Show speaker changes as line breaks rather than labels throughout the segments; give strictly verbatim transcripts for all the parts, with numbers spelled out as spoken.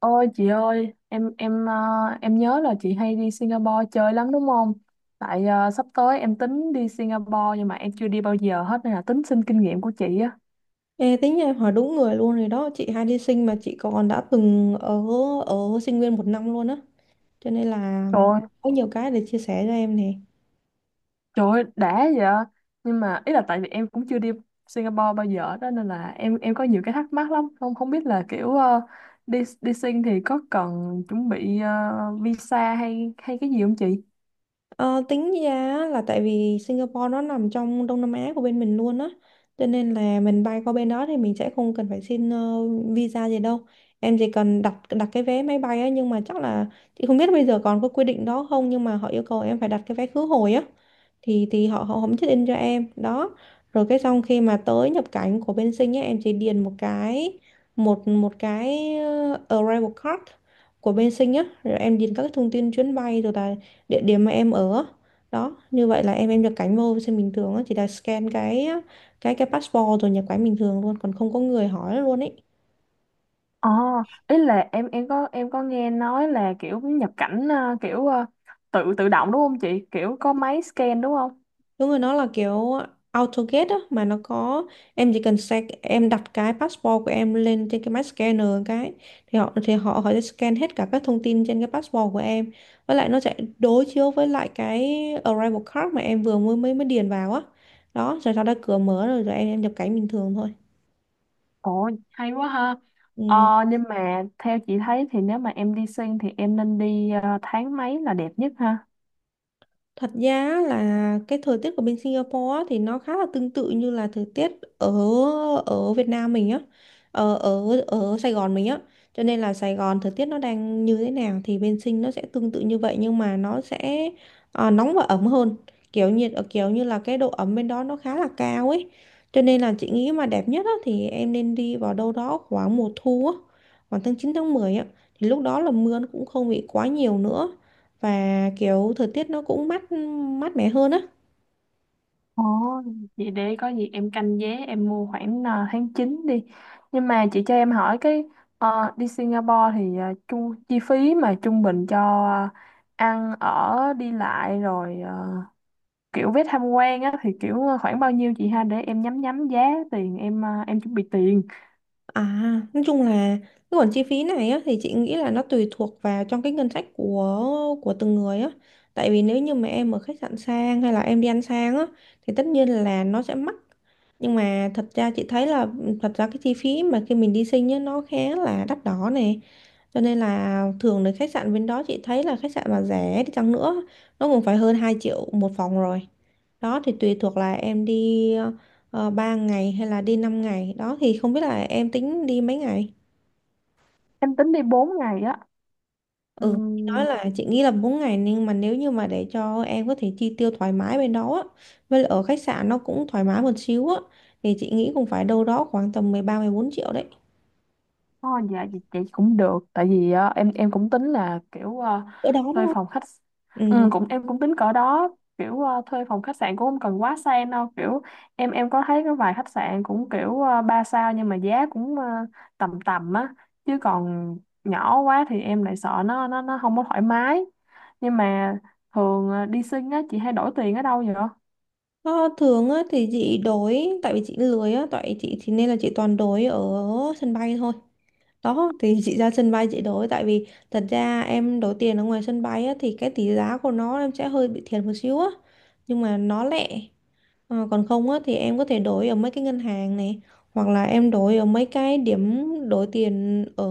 Ôi chị ơi, em em ờ, em nhớ là chị hay đi Singapore chơi lắm đúng không? Tại ờ, sắp tới em tính đi Singapore nhưng mà em chưa đi bao giờ hết nên là tính xin kinh nghiệm của chị á.
Ê, tính nhà em hỏi đúng người luôn rồi đó. Chị hay đi Sinh mà chị còn đã từng ở ở sinh viên một năm luôn á, cho nên là
Trời ơi,
có nhiều cái để chia sẻ cho em nè.
trời ơi, đã vậy. Nhưng mà ý là tại vì em cũng chưa đi Singapore bao giờ đó nên là em em có nhiều cái thắc mắc lắm, không không biết là kiểu ờ, đi đi Sing thì có cần chuẩn bị ờ, visa hay hay cái gì không chị?
Ờ, tính ra á, là tại vì Singapore nó nằm trong Đông Nam Á của bên mình luôn á, cho nên là mình bay qua bên đó thì mình sẽ không cần phải xin ờ, visa gì đâu. Em chỉ cần đặt đặt cái vé máy bay á, nhưng mà chắc là chị không biết bây giờ còn có quy định đó không, nhưng mà họ yêu cầu em phải đặt cái vé khứ hồi á, thì thì họ họ không check in cho em đó. Rồi cái xong khi mà tới nhập cảnh của bên Sinh á, em chỉ điền một cái một một cái ờ, arrival card của bên Sinh á, rồi em điền các cái thông tin chuyến bay, rồi là địa điểm mà em ở đó. Như vậy là em em nhập cảnh vô Sinh bình thường á, chỉ là scan cái cái cái passport rồi nhập cảnh bình thường luôn, còn không có người hỏi luôn ấy.
Ờ, ý là em em có em có nghe nói là kiểu nhập cảnh ờ, kiểu ờ, tự tự động đúng không chị? Kiểu có máy scan đúng không?
Đúng rồi, nó là kiểu AutoGate á, mà nó có em chỉ cần scan, em đặt cái passport của em lên trên cái máy scanner cái, thì họ thì họ họ sẽ scan hết cả các thông tin trên cái passport của em. Với lại nó sẽ đối chiếu với lại cái arrival card mà em vừa mới mới mới điền vào á. Đó, rồi sau đó cửa mở rồi rồi em, em nhập cảnh bình thường thôi.
Ồ, hay quá ha.
Ừ.
Ờ, nhưng mà theo chị thấy thì nếu mà em đi xuyên thì em nên đi ờ, tháng mấy là đẹp nhất ha?
Thật ra á là cái thời tiết của bên Singapore á thì nó khá là tương tự như là thời tiết ở ở Việt Nam mình á, ở ở ở Sài Gòn mình á. Cho nên là Sài Gòn thời tiết nó đang như thế nào thì bên Sing nó sẽ tương tự như vậy, nhưng mà nó sẽ à, nóng và ấm hơn. Kiểu nhiệt ở kiểu như là cái độ ẩm bên đó nó khá là cao ấy. Cho nên là chị nghĩ mà đẹp nhất á thì em nên đi vào đâu đó khoảng mùa thu á, khoảng tháng chín tháng mười á, thì lúc đó là mưa nó cũng không bị quá nhiều nữa, và kiểu thời tiết nó cũng mát mát mẻ hơn á.
Ồ, vậy để có gì em canh vé em mua khoảng ờ, tháng chín đi. Nhưng mà chị cho em hỏi cái ờ, đi Singapore thì ờ, chu chi phí mà trung bình cho ờ, ăn ở đi lại rồi kiểu vé tham quan á thì kiểu ờ, khoảng bao nhiêu chị ha để em nhắm nhắm giá tiền em ờ, em chuẩn bị tiền
À nói chung là cái khoản chi phí này á thì chị nghĩ là nó tùy thuộc vào trong cái ngân sách của của từng người á, tại vì nếu như mà em ở khách sạn sang hay là em đi ăn sang á thì tất nhiên là nó sẽ mắc, nhưng mà thật ra chị thấy là ừ, thật ra cái chi phí mà khi mình đi Sinh á nó khá là đắt đỏ nè. Cho nên là thường đến khách sạn bên đó chị thấy là khách sạn mà rẻ đi chăng nữa nó cũng phải hơn hai triệu một phòng rồi. Đó thì tùy thuộc là em đi uh, ba ngày hay là đi năm ngày. Đó thì không biết là em tính đi mấy ngày.
em tính đi bốn ngày á.
Ừ, chị nói là chị nghĩ là bốn ngày, nhưng mà nếu như mà để cho em có thể chi tiêu thoải mái bên đó á, với lại ở khách sạn nó cũng thoải mái một xíu á, thì chị nghĩ cũng phải đâu đó khoảng tầm mười ba bốn triệu đấy.
Oh dạ chị, chị cũng được tại vì ờ, em em cũng tính là kiểu ờ,
Ở đó đúng
thuê
không?
phòng khách, ừ,
Ừ.
cũng em cũng tính cỡ đó kiểu ờ, thuê phòng khách sạn cũng không cần quá sang đâu kiểu em em có thấy có vài khách sạn cũng kiểu ờ, ba sao nhưng mà giá cũng ờ, tầm tầm á chứ còn nhỏ quá thì em lại sợ nó nó nó không có thoải mái. Nhưng mà thường ờ, đi sinh á chị hay đổi tiền ở đâu vậy?
Ờ, thường á, thì chị đổi, tại vì chị lười á tại chị thì nên là chị toàn đổi ở sân bay thôi. Đó thì chị ra sân bay chị đổi, tại vì thật ra em đổi tiền ở ngoài sân bay á, thì cái tỷ giá của nó em sẽ hơi bị thiệt một xíu á nhưng mà nó lẹ. Ờ, còn không á, thì em có thể đổi ở mấy cái ngân hàng này hoặc là em đổi ở mấy cái điểm đổi tiền ở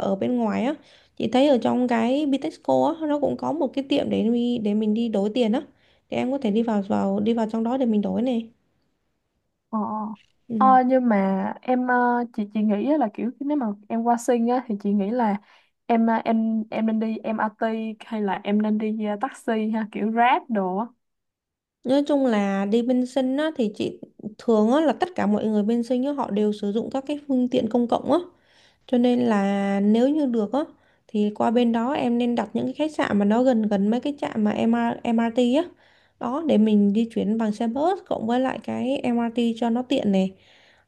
ở bên ngoài á. Chị thấy ở trong cái Bitexco á nó cũng có một cái tiệm để mi- để mình đi đổi tiền á, thì em có thể đi vào vào đi vào trong đó để mình đổi này.
Ờ,
Ừ.
ờ nhưng mà em ờ, chị chị nghĩ á là kiểu nếu mà em qua sinh á thì chị nghĩ là em ờ, em em nên đi em MRT hay là em nên đi ờ, taxi ha kiểu Grab đồ á.
Nói chung là đi bên Sinh á thì chị thường á là tất cả mọi người bên Sinh á họ đều sử dụng các cái phương tiện công cộng á. Cho nên là nếu như được á thì qua bên đó em nên đặt những cái khách sạn mà nó gần gần mấy cái trạm mà em MR, em rờ tê á. Đó để mình di chuyển bằng xe bus cộng với lại cái em MRT cho nó tiện này.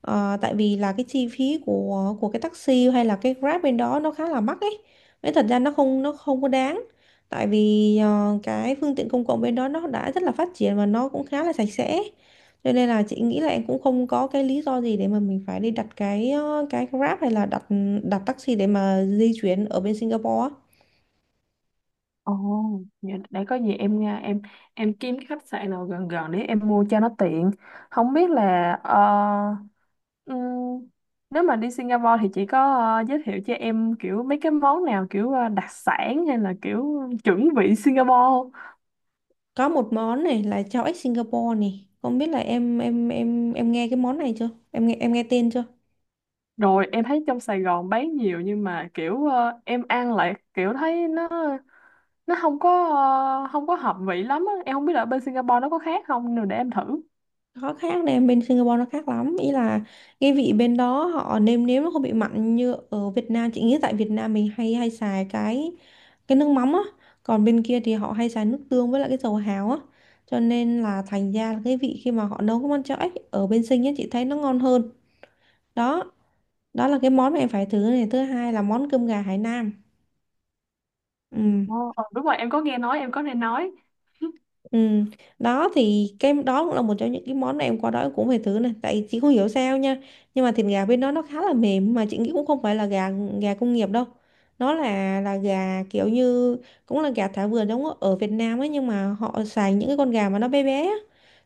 Ờ, tại vì là cái chi phí của của cái taxi hay là cái Grab bên đó nó khá là mắc ấy. Nên thật ra nó không nó không có đáng. Tại vì ờ, cái phương tiện công cộng bên đó nó đã rất là phát triển và nó cũng khá là sạch sẽ. Cho nên là chị nghĩ là em cũng không có cái lý do gì để mà mình phải đi đặt cái ờ, cái Grab hay là đặt đặt taxi để mà di chuyển ở bên Singapore á.
Ồ, vậy để có gì em nha em em kiếm cái khách sạn nào gần gần để em mua cho nó tiện. Không biết là ờ, ừm, nếu mà đi Singapore thì chị có ờ, giới thiệu cho em kiểu mấy cái món nào kiểu ờ, đặc sản hay là kiểu chuẩn vị Singapore?
Có một món này là cháo ếch Singapore này. Không biết là em em em em nghe cái món này chưa? Em nghe em nghe tên chưa?
Rồi em thấy trong Sài Gòn bán nhiều nhưng mà kiểu ờ, em ăn lại kiểu thấy nó nó không có ờ, không có hợp vị lắm á. Em không biết là ở bên Singapore nó có khác không nên để em thử.
Khó khác này, bên Singapore nó khác lắm, ý là cái vị bên đó họ nêm nếm nó không bị mặn như ở Việt Nam. Chị nghĩ tại Việt Nam mình hay hay xài cái cái nước mắm á, còn bên kia thì họ hay xài nước tương với lại cái dầu hào á, cho nên là thành ra là cái vị khi mà họ nấu cái món cháo ếch ở bên Sing á chị thấy nó ngon hơn. Đó đó là cái món mà em phải thử này. Thứ hai là món cơm gà Hải Nam, ừ.
Ồ, ờ, đúng rồi em có nghe nói em có nghe nói.
Ừ. Đó thì cái đó cũng là một trong những cái món này em qua đó em cũng phải thử này, tại chị không hiểu sao nha, nhưng mà thịt gà bên đó nó khá là mềm mà chị nghĩ cũng không phải là gà gà công nghiệp đâu. Nó là là gà kiểu như cũng là gà thả vườn giống ở ở Việt Nam ấy, nhưng mà họ xài những cái con gà mà nó bé bé á.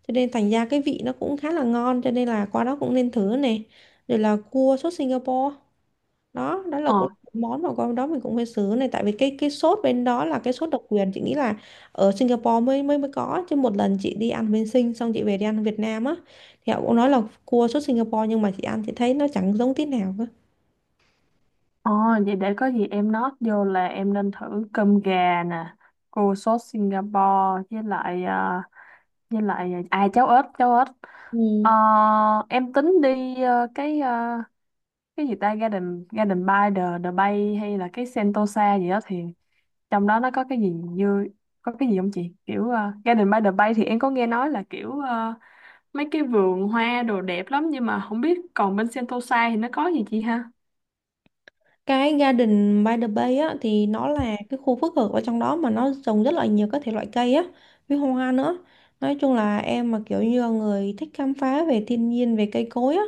Cho nên thành ra cái vị nó cũng khá là ngon, cho nên là qua đó cũng nên thử này. Rồi là cua sốt Singapore, đó đó là
Ờ,
cũng món mà con đó mình cũng hơi xứ này, tại vì cái cái sốt bên đó là cái sốt độc quyền. Chị nghĩ là ở Singapore mới mới mới có, chứ một lần chị đi ăn bên Sing xong chị về đi ăn Việt Nam á thì họ cũng nói là cua sốt Singapore, nhưng mà chị ăn chị thấy nó chẳng giống tí nào cơ.
ờ vậy để có gì em note vô là em nên thử cơm gà nè, cô sốt Singapore với lại ờ, với lại ờ, à cháo ếch cháo ếch. Ờ,
Ừ.
em tính đi ờ, cái ờ, cái gì ta Garden Garden by the the Bay hay là cái Sentosa gì đó thì trong đó nó có cái gì như có cái gì không chị kiểu ờ, Garden by the Bay thì em có nghe nói là kiểu ờ, mấy cái vườn hoa đồ đẹp lắm nhưng mà không biết còn bên Sentosa thì nó có gì chị ha?
Cái Garden by the Bay á thì nó là cái khu phức hợp ở trong đó mà nó trồng rất là nhiều các thể loại cây á, với hoa nữa. Nói chung là em mà kiểu như là người thích khám phá về thiên nhiên, về cây cối á,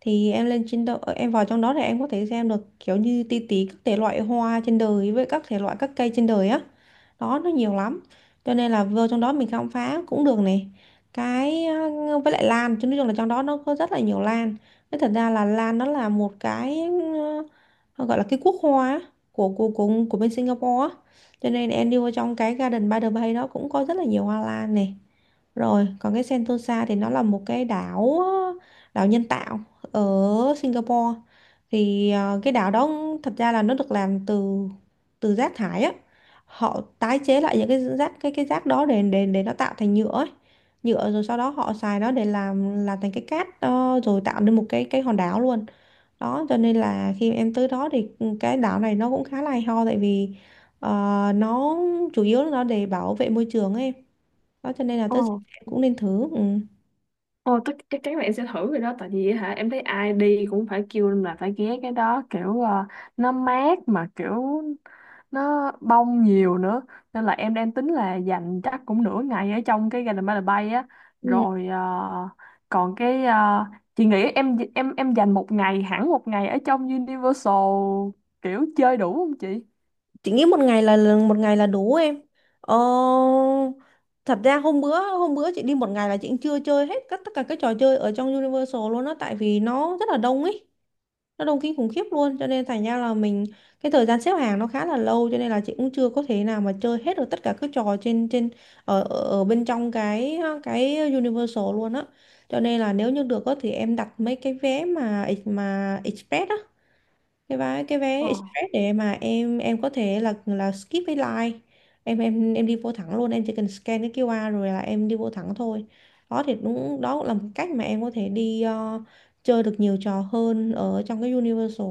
thì em lên trên đó, em vào trong đó thì em có thể xem được kiểu như ti tí các thể loại hoa trên đời với các thể loại các cây trên đời á. Đó nó nhiều lắm. Cho nên là vô trong đó mình khám phá cũng được này. Cái ờ, với lại lan, chứ nói chung là trong đó nó có rất là nhiều lan. Thế thật ra là lan nó là một cái họ gọi là cái quốc hoa á, của của của của bên Singapore á. Cho nên em đi vô trong cái Garden by the Bay đó cũng có rất là nhiều hoa lan này. Rồi, còn cái Sentosa thì nó là một cái đảo đảo nhân tạo ở Singapore. Thì ờ, cái đảo đó thật ra là nó được làm từ từ rác thải á. Họ tái chế lại những cái rác cái cái rác đó để để để nó tạo thành nhựa ấy. Nhựa rồi sau đó họ xài nó để làm làm thành cái cát, ờ, rồi tạo nên một cái cái hòn đảo luôn. Đó cho nên là khi em tới đó thì ừ, cái đảo này nó cũng khá là hay ho, tại vì ờ, nó chủ yếu là nó để bảo vệ môi trường ấy. Đó cho nên là
Ồ.
tới em cũng nên thử, ừ.
Ồ, tất chắc chắn là em sẽ thử rồi đó tại vì hả em thấy ai đi cũng phải kêu là phải ghé cái đó kiểu ờ, nó mát mà kiểu nó bông nhiều nữa nên là em đang tính là dành chắc cũng nửa ngày ở trong cái Garden by the Bay á
Ừ.
rồi ờ, còn cái ờ, chị nghĩ em em em dành một ngày hẳn một ngày ở trong Universal kiểu chơi đủ không chị?
Chị nghĩ một ngày là là- một ngày là đủ em. ờ, Thật ra hôm bữa hôm bữa chị đi một ngày là chị cũng chưa chơi hết các tất cả các trò chơi ở trong Universal luôn đó, tại vì nó rất là đông ấy. Nó đông kinh khủng khiếp luôn, cho nên thành ra là mình cái thời gian xếp hàng nó khá là lâu, cho nên là chị cũng chưa có thể nào mà chơi hết được tất cả các trò trên trên ở ở ở bên trong cái cái Universal luôn á. Cho nên là nếu như được á thì em đặt mấy cái vé mà mà express á, cái vé cái vé express để mà em em có thể là là skip cái line, em em em đi vô thẳng luôn, em chỉ cần scan cái quy rờ rồi là em đi vô thẳng thôi. Đó thì đúng, đó cũng là một cách mà em có thể đi ờ, chơi được nhiều trò hơn ở trong cái Universal,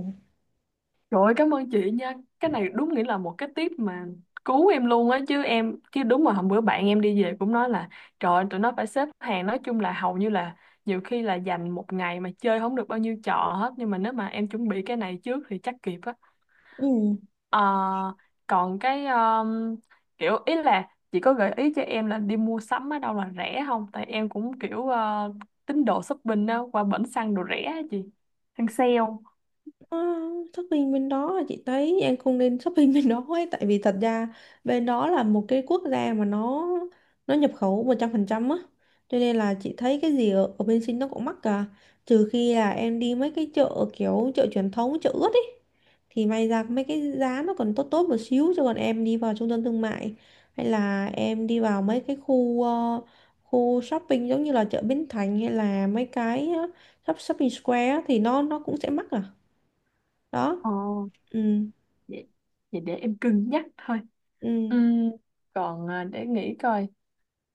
Trời ơi, cảm ơn chị nha. Cái này đúng nghĩa là một cái tip mà cứu em luôn á chứ em chứ đúng mà hôm bữa bạn em đi về cũng nói là trời ơi, tụi nó phải xếp hàng nói chung là hầu như là nhiều khi là dành một ngày mà chơi không được bao nhiêu trò hết nhưng mà nếu mà em chuẩn bị cái này trước thì chắc kịp á.
ừ.
Ờ, còn cái um, kiểu ý là chị có gợi ý cho em là đi mua sắm ở đâu là rẻ không? Tại em cũng kiểu ờ, tín đồ shopping á qua bển xăng đồ rẻ á chị. Hàng sale.
Ờ, shopping bên đó là chị thấy em không nên shopping bên đó ấy, tại vì thật ra bên đó là một cái quốc gia mà nó nó nhập khẩu một trăm phần trăm á, cho nên là chị thấy cái gì ở, ở bên Sinh nó cũng mắc cả, trừ khi là em đi mấy cái chợ kiểu chợ truyền thống, chợ ướt ấy, thì may ra mấy cái giá nó còn tốt tốt một xíu, chứ còn em đi vào trung tâm thương mại hay là em đi vào mấy cái khu ờ, khu shopping giống như là chợ Bến Thành hay là mấy cái ờ, shop- shopping square á, thì nó nó cũng sẽ mắc à, đó.
Ờ.
Ừ,
Vậy, vậy để em cân nhắc thôi.
ừ.
Ừm, còn à, để nghĩ coi.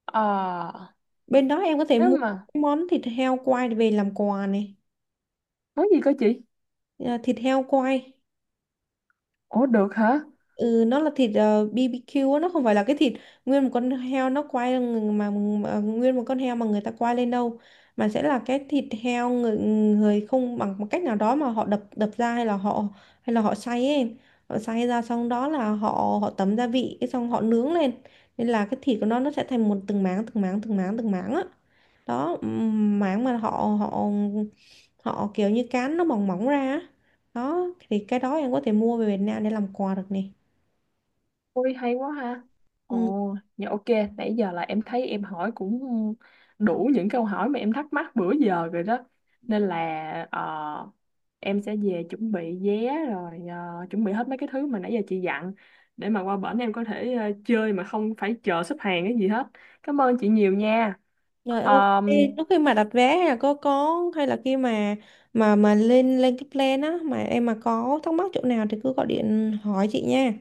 Ờ,
Bên đó em có thể
nếu
mua
mà
cái món thịt heo quay về làm quà này.
món gì cơ chị?
À, thịt heo quay.
Ủa được hả?
Ừ, nó là thịt ờ, bê bê quy á, nó không phải là cái thịt nguyên một con heo nó quay mà, mà nguyên một con heo mà người ta quay lên đâu, mà sẽ là cái thịt heo người, người không bằng một cách nào đó mà họ đập đập ra hay là họ hay là họ xay ấy, em. Họ xay ra xong đó là họ họ tẩm gia vị cái xong họ nướng lên, nên là cái thịt của nó nó sẽ thành một từng máng từng máng từng máng từng máng á, đó ừm, mảng mà họ họ họ kiểu như cán nó mỏng mỏng ra á. Đó thì cái đó em có thể mua về Việt Nam để làm quà được nè,
Ôi hay quá ha.
ừ.
Ồ dạ ok. Nãy giờ là em thấy em hỏi cũng đủ những câu hỏi mà em thắc mắc bữa giờ rồi đó nên là ờ, em sẽ về chuẩn bị vé rồi ờ, chuẩn bị hết mấy cái thứ mà nãy giờ chị dặn để mà qua bển em có thể ờ, chơi mà không phải chờ xếp hàng cái gì hết. Cảm ơn chị nhiều nha.
Rồi, ok.
Ờ,
Lúc khi mà đặt vé hay là có có hay là khi mà mà mà lên lên cái plan á, mà em mà có thắc mắc chỗ nào thì cứ gọi điện hỏi chị nha.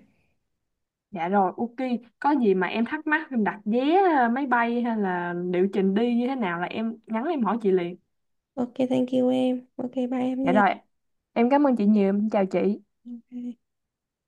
dạ rồi, ok. Có gì mà em thắc mắc em đặt vé ờ, máy bay hay là liệu trình đi như thế nào là em nhắn em hỏi chị liền.
Ok, thank you em, ok, bye em
Dạ
nha.
rồi, em cảm ơn chị nhiều, em chào chị.
Ok.